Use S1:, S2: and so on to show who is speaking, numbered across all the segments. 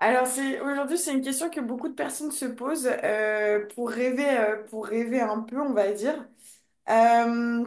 S1: Alors c'est aujourd'hui c'est une question que beaucoup de personnes se posent, pour rêver, pour rêver un peu on va dire. Euh,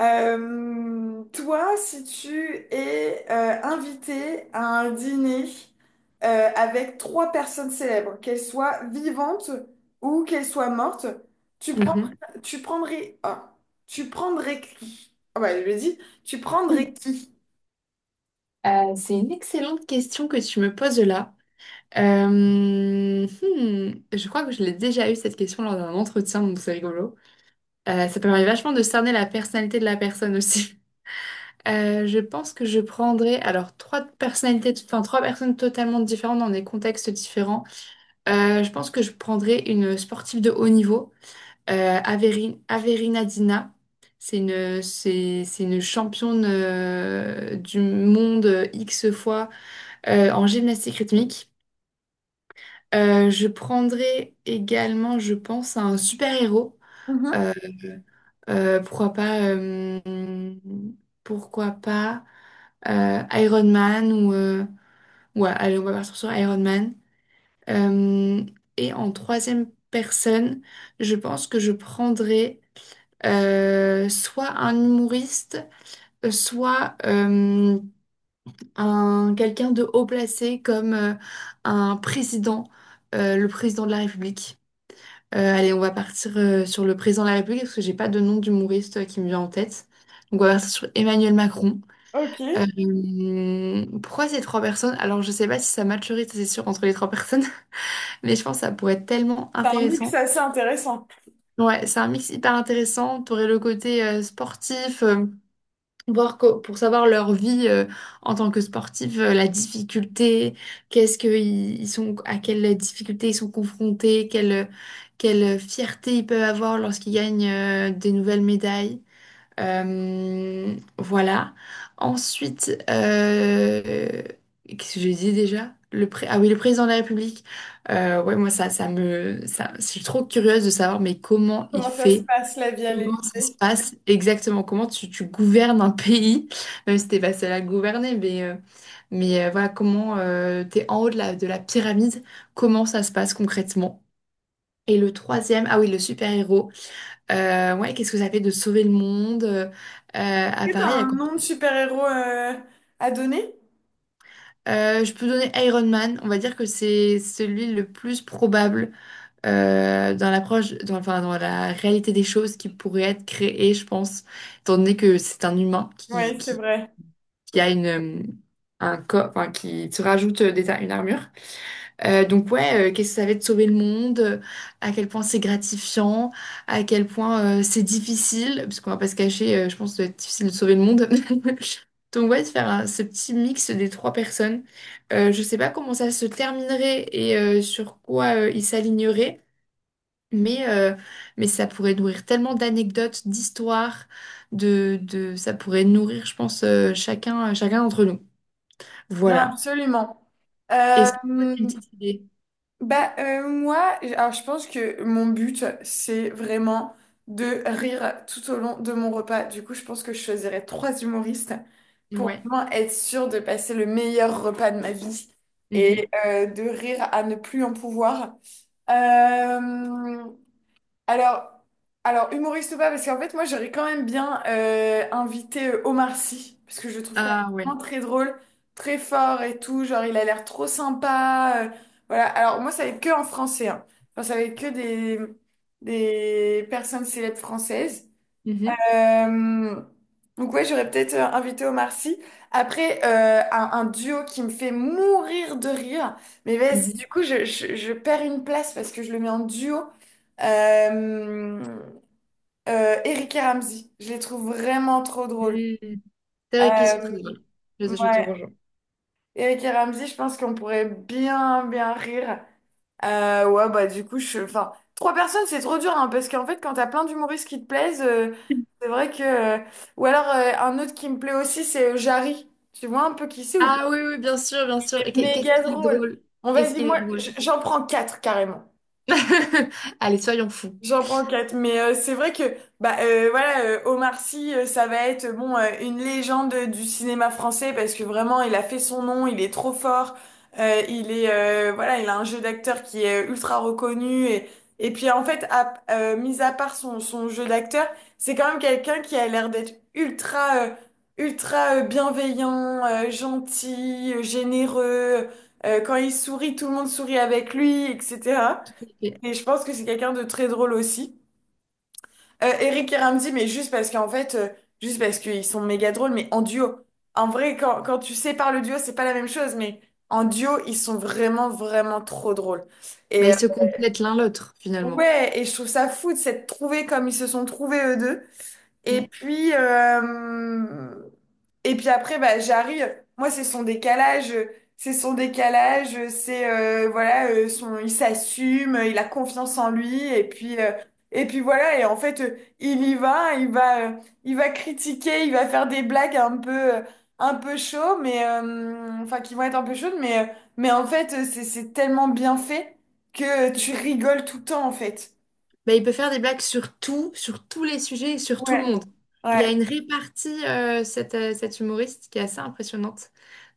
S1: Toi si tu es invité à un dîner avec trois personnes célèbres, qu'elles soient vivantes ou qu'elles soient mortes, tu prends,
S2: Mhm.
S1: tu prendrais tu prendrais qui? Ah bah je l'ai dit, tu prendrais qui?
S2: C'est une excellente question que tu me poses là. Euh, hmm, je crois que je l'ai déjà eu cette question lors d'un entretien, donc c'est rigolo. Ça permet vachement de cerner la personnalité de la personne aussi. Je pense que je prendrais alors trois personnalités, enfin trois personnes totalement différentes dans des contextes différents. Je pense que je prendrais une sportive de haut niveau, Averina Dina. C'est une championne du monde X fois, en gymnastique rythmique. Je prendrai également, je pense, un super-héros.
S1: Mhm.
S2: Euh, euh, pourquoi pas, euh, Pourquoi pas Iron Man ou... ouais, allez, on va partir sur Iron Man. Euh, et en troisième personne, je pense que je prendrai soit un humoriste, soit un quelqu'un de haut placé comme un président, le président de la République. Allez, on va partir sur le président de la République parce que j'ai pas de nom d'humoriste qui me vient en tête. Donc on va partir sur Emmanuel Macron.
S1: Ok, c'est
S2: Pourquoi ces trois personnes? Alors je sais pas si ça matcherait, ça, c'est sûr, entre les trois personnes, mais je pense que ça pourrait être tellement
S1: un mix
S2: intéressant.
S1: assez intéressant.
S2: Ouais, c'est un mix hyper intéressant. T'aurais le côté sportif, pour savoir leur vie en tant que sportif, la difficulté, qu'est-ce que ils sont, à quelle difficulté ils sont confrontés, quelle fierté ils peuvent avoir lorsqu'ils gagnent des nouvelles médailles. Voilà. Ensuite, qu'est-ce que j'ai dit déjà? Ah oui, le président de la République. Ouais, moi je suis trop curieuse de savoir, mais comment il
S1: Comment ça se
S2: fait?
S1: passe la vie à l'Élysée?
S2: Comment ça se
S1: Est-ce
S2: passe exactement? Comment tu gouvernes un pays, même si t'es pas seule à le gouverner, mais, voilà, comment tu t'es en haut de la pyramide, comment ça se passe concrètement? Et le troisième, ah oui, le super-héros. Ouais, qu'est-ce que ça fait de sauver le monde? À
S1: que t'as
S2: Paris, à
S1: un
S2: quoi?
S1: nom de super-héros à donner?
S2: Je peux donner Iron Man. On va dire que c'est celui le plus probable dans l'approche, dans, enfin, dans la réalité des choses qui pourrait être créée, je pense, étant donné que c'est un humain qui
S1: Oui, c'est
S2: qui
S1: vrai.
S2: qui a une, un corps, enfin, qui te rajoute une armure. Donc ouais, qu'est-ce que ça va être de sauver le monde, à quel point c'est gratifiant, à quel point c'est difficile, parce qu'on va pas se cacher, je pense que ça doit être difficile de sauver le monde. Donc ouais, ce petit mix des trois personnes. Je sais pas comment ça se terminerait et sur quoi ils s'aligneraient, mais, mais, ça pourrait nourrir tellement d'anecdotes, d'histoires, ça pourrait nourrir, je pense, chacun d'entre nous.
S1: Non,
S2: Voilà.
S1: absolument. Euh,
S2: Est-ce que tu as une petite idée?
S1: Moi, alors je pense que mon but, c'est vraiment de rire tout au long de mon repas. Du coup, je pense que je choisirais trois humoristes pour
S2: Ouais.
S1: vraiment être sûre de passer le meilleur repas de ma vie et,
S2: Mhm.
S1: de rire à ne plus en pouvoir. Euh, Alors, alors humoriste ou pas, parce qu'en fait, moi, j'aurais quand même bien invité Omar Sy, parce que je le trouve quand même
S2: Ah ouais.
S1: vraiment très drôle, très fort et tout. Genre, il a l'air trop sympa. Voilà. Alors, moi, ça va être que en français, hein. Enfin, ça va être que des personnes célèbres françaises.
S2: Mhm.
S1: Euh, donc ouais, j'aurais peut-être invité Omar Sy. Après, un duo qui me fait mourir de rire. Mais vas-y,
S2: Mhm.
S1: du coup, je perds une place parce que je le mets en duo. Euh, Eric et Ramzy. Je les trouve vraiment trop drôles.
S2: Mhm. C'est vrai qu'ils sont
S1: Euh,
S2: très drôles. Je te
S1: ouais.
S2: rejoins.
S1: Eric et Ramzy, je pense qu'on pourrait bien, bien rire. Ouais, bah du coup, je... Enfin, trois personnes, c'est trop dur, hein, parce qu'en fait, quand t'as plein d'humoristes qui te plaisent, c'est vrai que... Ou alors, un autre qui me plaît aussi, c'est Jarry. Tu vois un peu qui c'est ou pas?
S2: Ah oui, oui, bien sûr, bien sûr.
S1: C'est
S2: Qu'est-ce
S1: méga
S2: qu'il est
S1: drôle.
S2: drôle?
S1: Bon,
S2: Qu'est-ce
S1: vas-y,
S2: qu'il est
S1: moi,
S2: drôle?
S1: j'en prends quatre, carrément.
S2: Allez, soyons fous.
S1: J'en prends quatre, mais c'est vrai que bah, Omar Sy, ça va être bon, une légende du cinéma français parce que vraiment il a fait son nom, il est trop fort, il est voilà il a un jeu d'acteur qui est ultra reconnu. Et puis en fait, mis à part son jeu d'acteur, c'est quand même quelqu'un qui a l'air d'être ultra bienveillant, gentil, généreux. Quand il sourit, tout le monde sourit avec lui, etc.
S2: Ok.
S1: Et je pense que c'est quelqu'un de très drôle aussi. Eric et Ramzy, mais juste parce qu'en fait, juste parce qu'ils sont méga drôles, mais en duo. En vrai, quand tu sépares le duo, c'est pas la même chose, mais en duo, ils sont vraiment, vraiment trop drôles.
S2: Bah,
S1: Et euh,
S2: ils se complètent l'un l'autre, finalement.
S1: ouais, et je trouve ça fou de s'être trouvés comme ils se sont trouvés eux deux. Et
S2: Mm.
S1: puis, euh, et puis après, bah, j'arrive. Moi, c'est son décalage. C'est son décalage. C'est, il s'assume, il a confiance en lui. Et puis voilà. Et en fait, il va critiquer, il va faire des blagues un peu chaud, enfin, qui vont être un peu chaudes. Mais en fait, c'est tellement bien fait que tu rigoles tout le temps, en fait.
S2: Bah, il peut faire des blagues sur tout, sur tous les sujets, et sur tout le
S1: Ouais.
S2: monde. Il a
S1: Ouais.
S2: une répartie, cet humoriste, qui est assez impressionnante.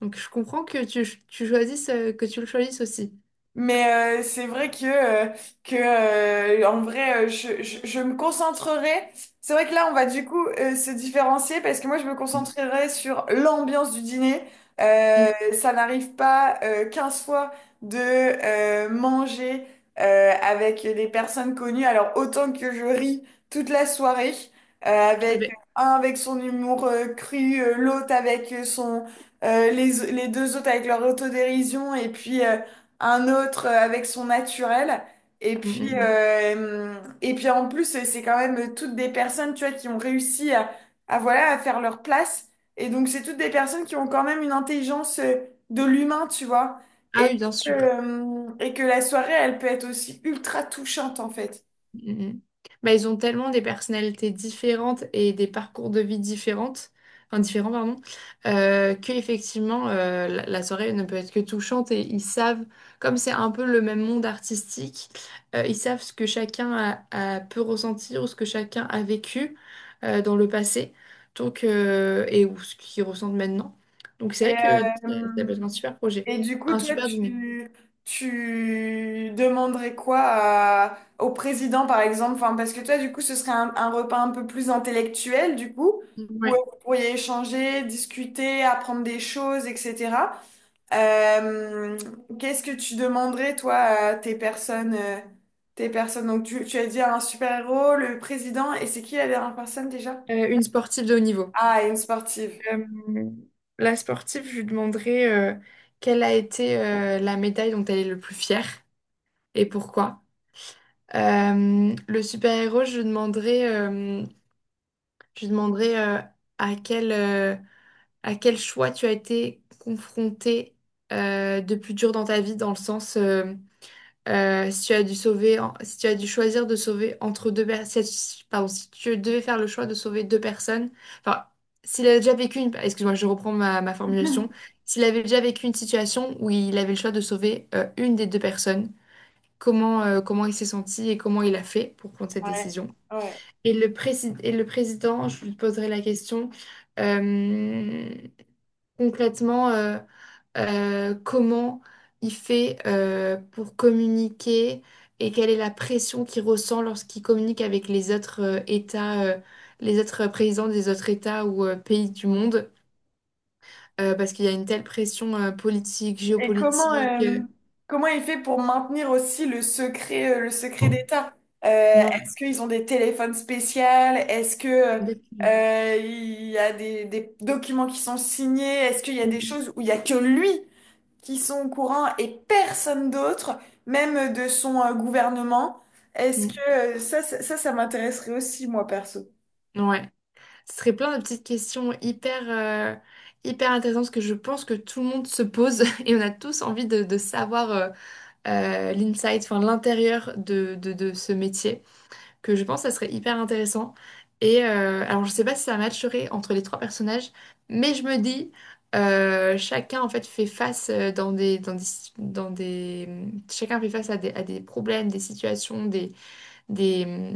S2: Donc, je comprends que que tu le choisisses aussi.
S1: Mais c'est vrai que, en vrai, je me concentrerai. C'est vrai que là, on va du coup se différencier parce que moi, je me
S2: Mm.
S1: concentrerai sur l'ambiance du dîner.
S2: Mm.
S1: Ça n'arrive pas, 15 fois de manger avec des personnes connues. Alors, autant que je ris toute la soirée,
S2: Tout à
S1: avec
S2: fait.
S1: un avec son humour cru, les deux autres avec leur autodérision et puis... un autre avec son naturel. Et
S2: Mm, mm,
S1: puis,
S2: mm.
S1: euh, et puis en plus, c'est quand même toutes des personnes, tu vois, qui ont réussi à, voilà, à faire leur place. Et donc, c'est toutes des personnes qui ont quand même une intelligence de l'humain, tu vois.
S2: Ah
S1: Et
S2: oui, bien sûr.
S1: que la soirée, elle peut être aussi ultra touchante, en fait.
S2: Mm, mm, mm. Bah, ils ont tellement des personnalités différentes et des parcours de vie différentes, enfin, différents, pardon, que effectivement la soirée ne peut être que touchante et ils savent, comme c'est un peu le même monde artistique, ils savent ce que chacun a peut ressentir ou ce que chacun a vécu dans le passé, donc et ou ce qu'ils ressentent maintenant. Donc c'est
S1: Et,
S2: vrai que ça
S1: euh,
S2: peut être un super projet,
S1: Et du coup,
S2: un super dîner.
S1: tu demanderais quoi au président, par exemple? Enfin, parce que toi, du coup, ce serait un repas un peu plus intellectuel, du coup, où
S2: Ouais.
S1: vous pourriez échanger, discuter, apprendre des choses, etc. Euh, Qu'est-ce que tu demanderais, toi, à tes personnes, tes personnes? Donc, tu as dit un super-héros, le président, et c'est qui la dernière personne déjà?
S2: Une sportive de haut niveau.
S1: Ah, une sportive.
S2: Euh, la sportive, je lui demanderai quelle a été la médaille dont elle est le plus fière et pourquoi. Le super-héros, je lui demanderai à quel, euh, à quel choix tu as été confronté de plus dur dans ta vie, dans le sens si tu as dû sauver, si tu as dû choisir de sauver entre deux personnes, si, pardon, si tu devais faire le choix de sauver deux personnes, enfin, s'il avait déjà vécu une, excuse-moi, je reprends ma formulation, s'il avait déjà vécu une situation où il avait le choix de sauver une des deux personnes, comment il s'est senti et comment il a fait pour prendre cette
S1: Ouais.
S2: décision?
S1: Ouais.
S2: Et le président, je lui poserai la question, euh, concrètement, comment il fait pour communiquer et quelle est la pression qu'il ressent lorsqu'il communique avec les autres États, les autres présidents des autres États ou pays du monde, parce qu'il y a une telle pression politique,
S1: Et comment,
S2: géopolitique,
S1: comment il fait pour maintenir aussi le secret d'État?
S2: ouais,
S1: Est-ce qu'ils ont des téléphones spéciaux?
S2: exactement.
S1: Il y a des documents qui sont signés? Est-ce qu'il y a des
S2: Mm,
S1: choses où il y a que lui qui sont au courant et personne d'autre, même de son, gouvernement? Est-ce que,
S2: mm,
S1: ça, ça, ça ça m'intéresserait aussi, moi, perso.
S2: mm. Ouais. Ce serait plein de petites questions hyper intéressantes que je pense que tout le monde se pose et on a tous envie de savoir l'inside, enfin l'intérieur de, de ce métier, que je pense que ça serait hyper intéressant. Et alors, je sais pas si ça matcherait entre les trois personnages, mais je me dis, chacun en fait fait face dans des, chacun fait face à des problèmes, des situations, des,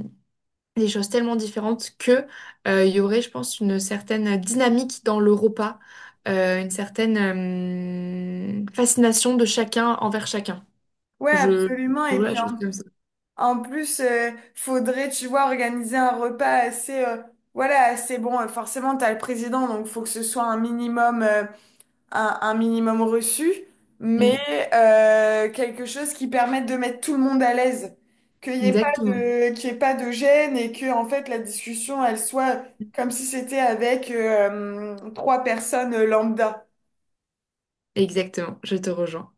S2: des choses tellement différentes que il y aurait, je pense, une certaine dynamique dans le repas, une certaine fascination de chacun envers chacun.
S1: Ouais,
S2: Je,
S1: absolument.
S2: je
S1: Et
S2: vois la
S1: puis en
S2: chose comme ça.
S1: En plus, faudrait, tu vois, organiser un repas assez, voilà, assez bon. Forcément, t'as le président, donc faut que ce soit un minimum, un minimum reçu, mais
S2: Mm.
S1: quelque chose qui permette de mettre tout le monde à l'aise,
S2: Exactement.
S1: qu'il y ait pas de gêne et que, en fait, la discussion, elle soit comme si c'était avec trois personnes lambda.
S2: Exactement, je te rejoins.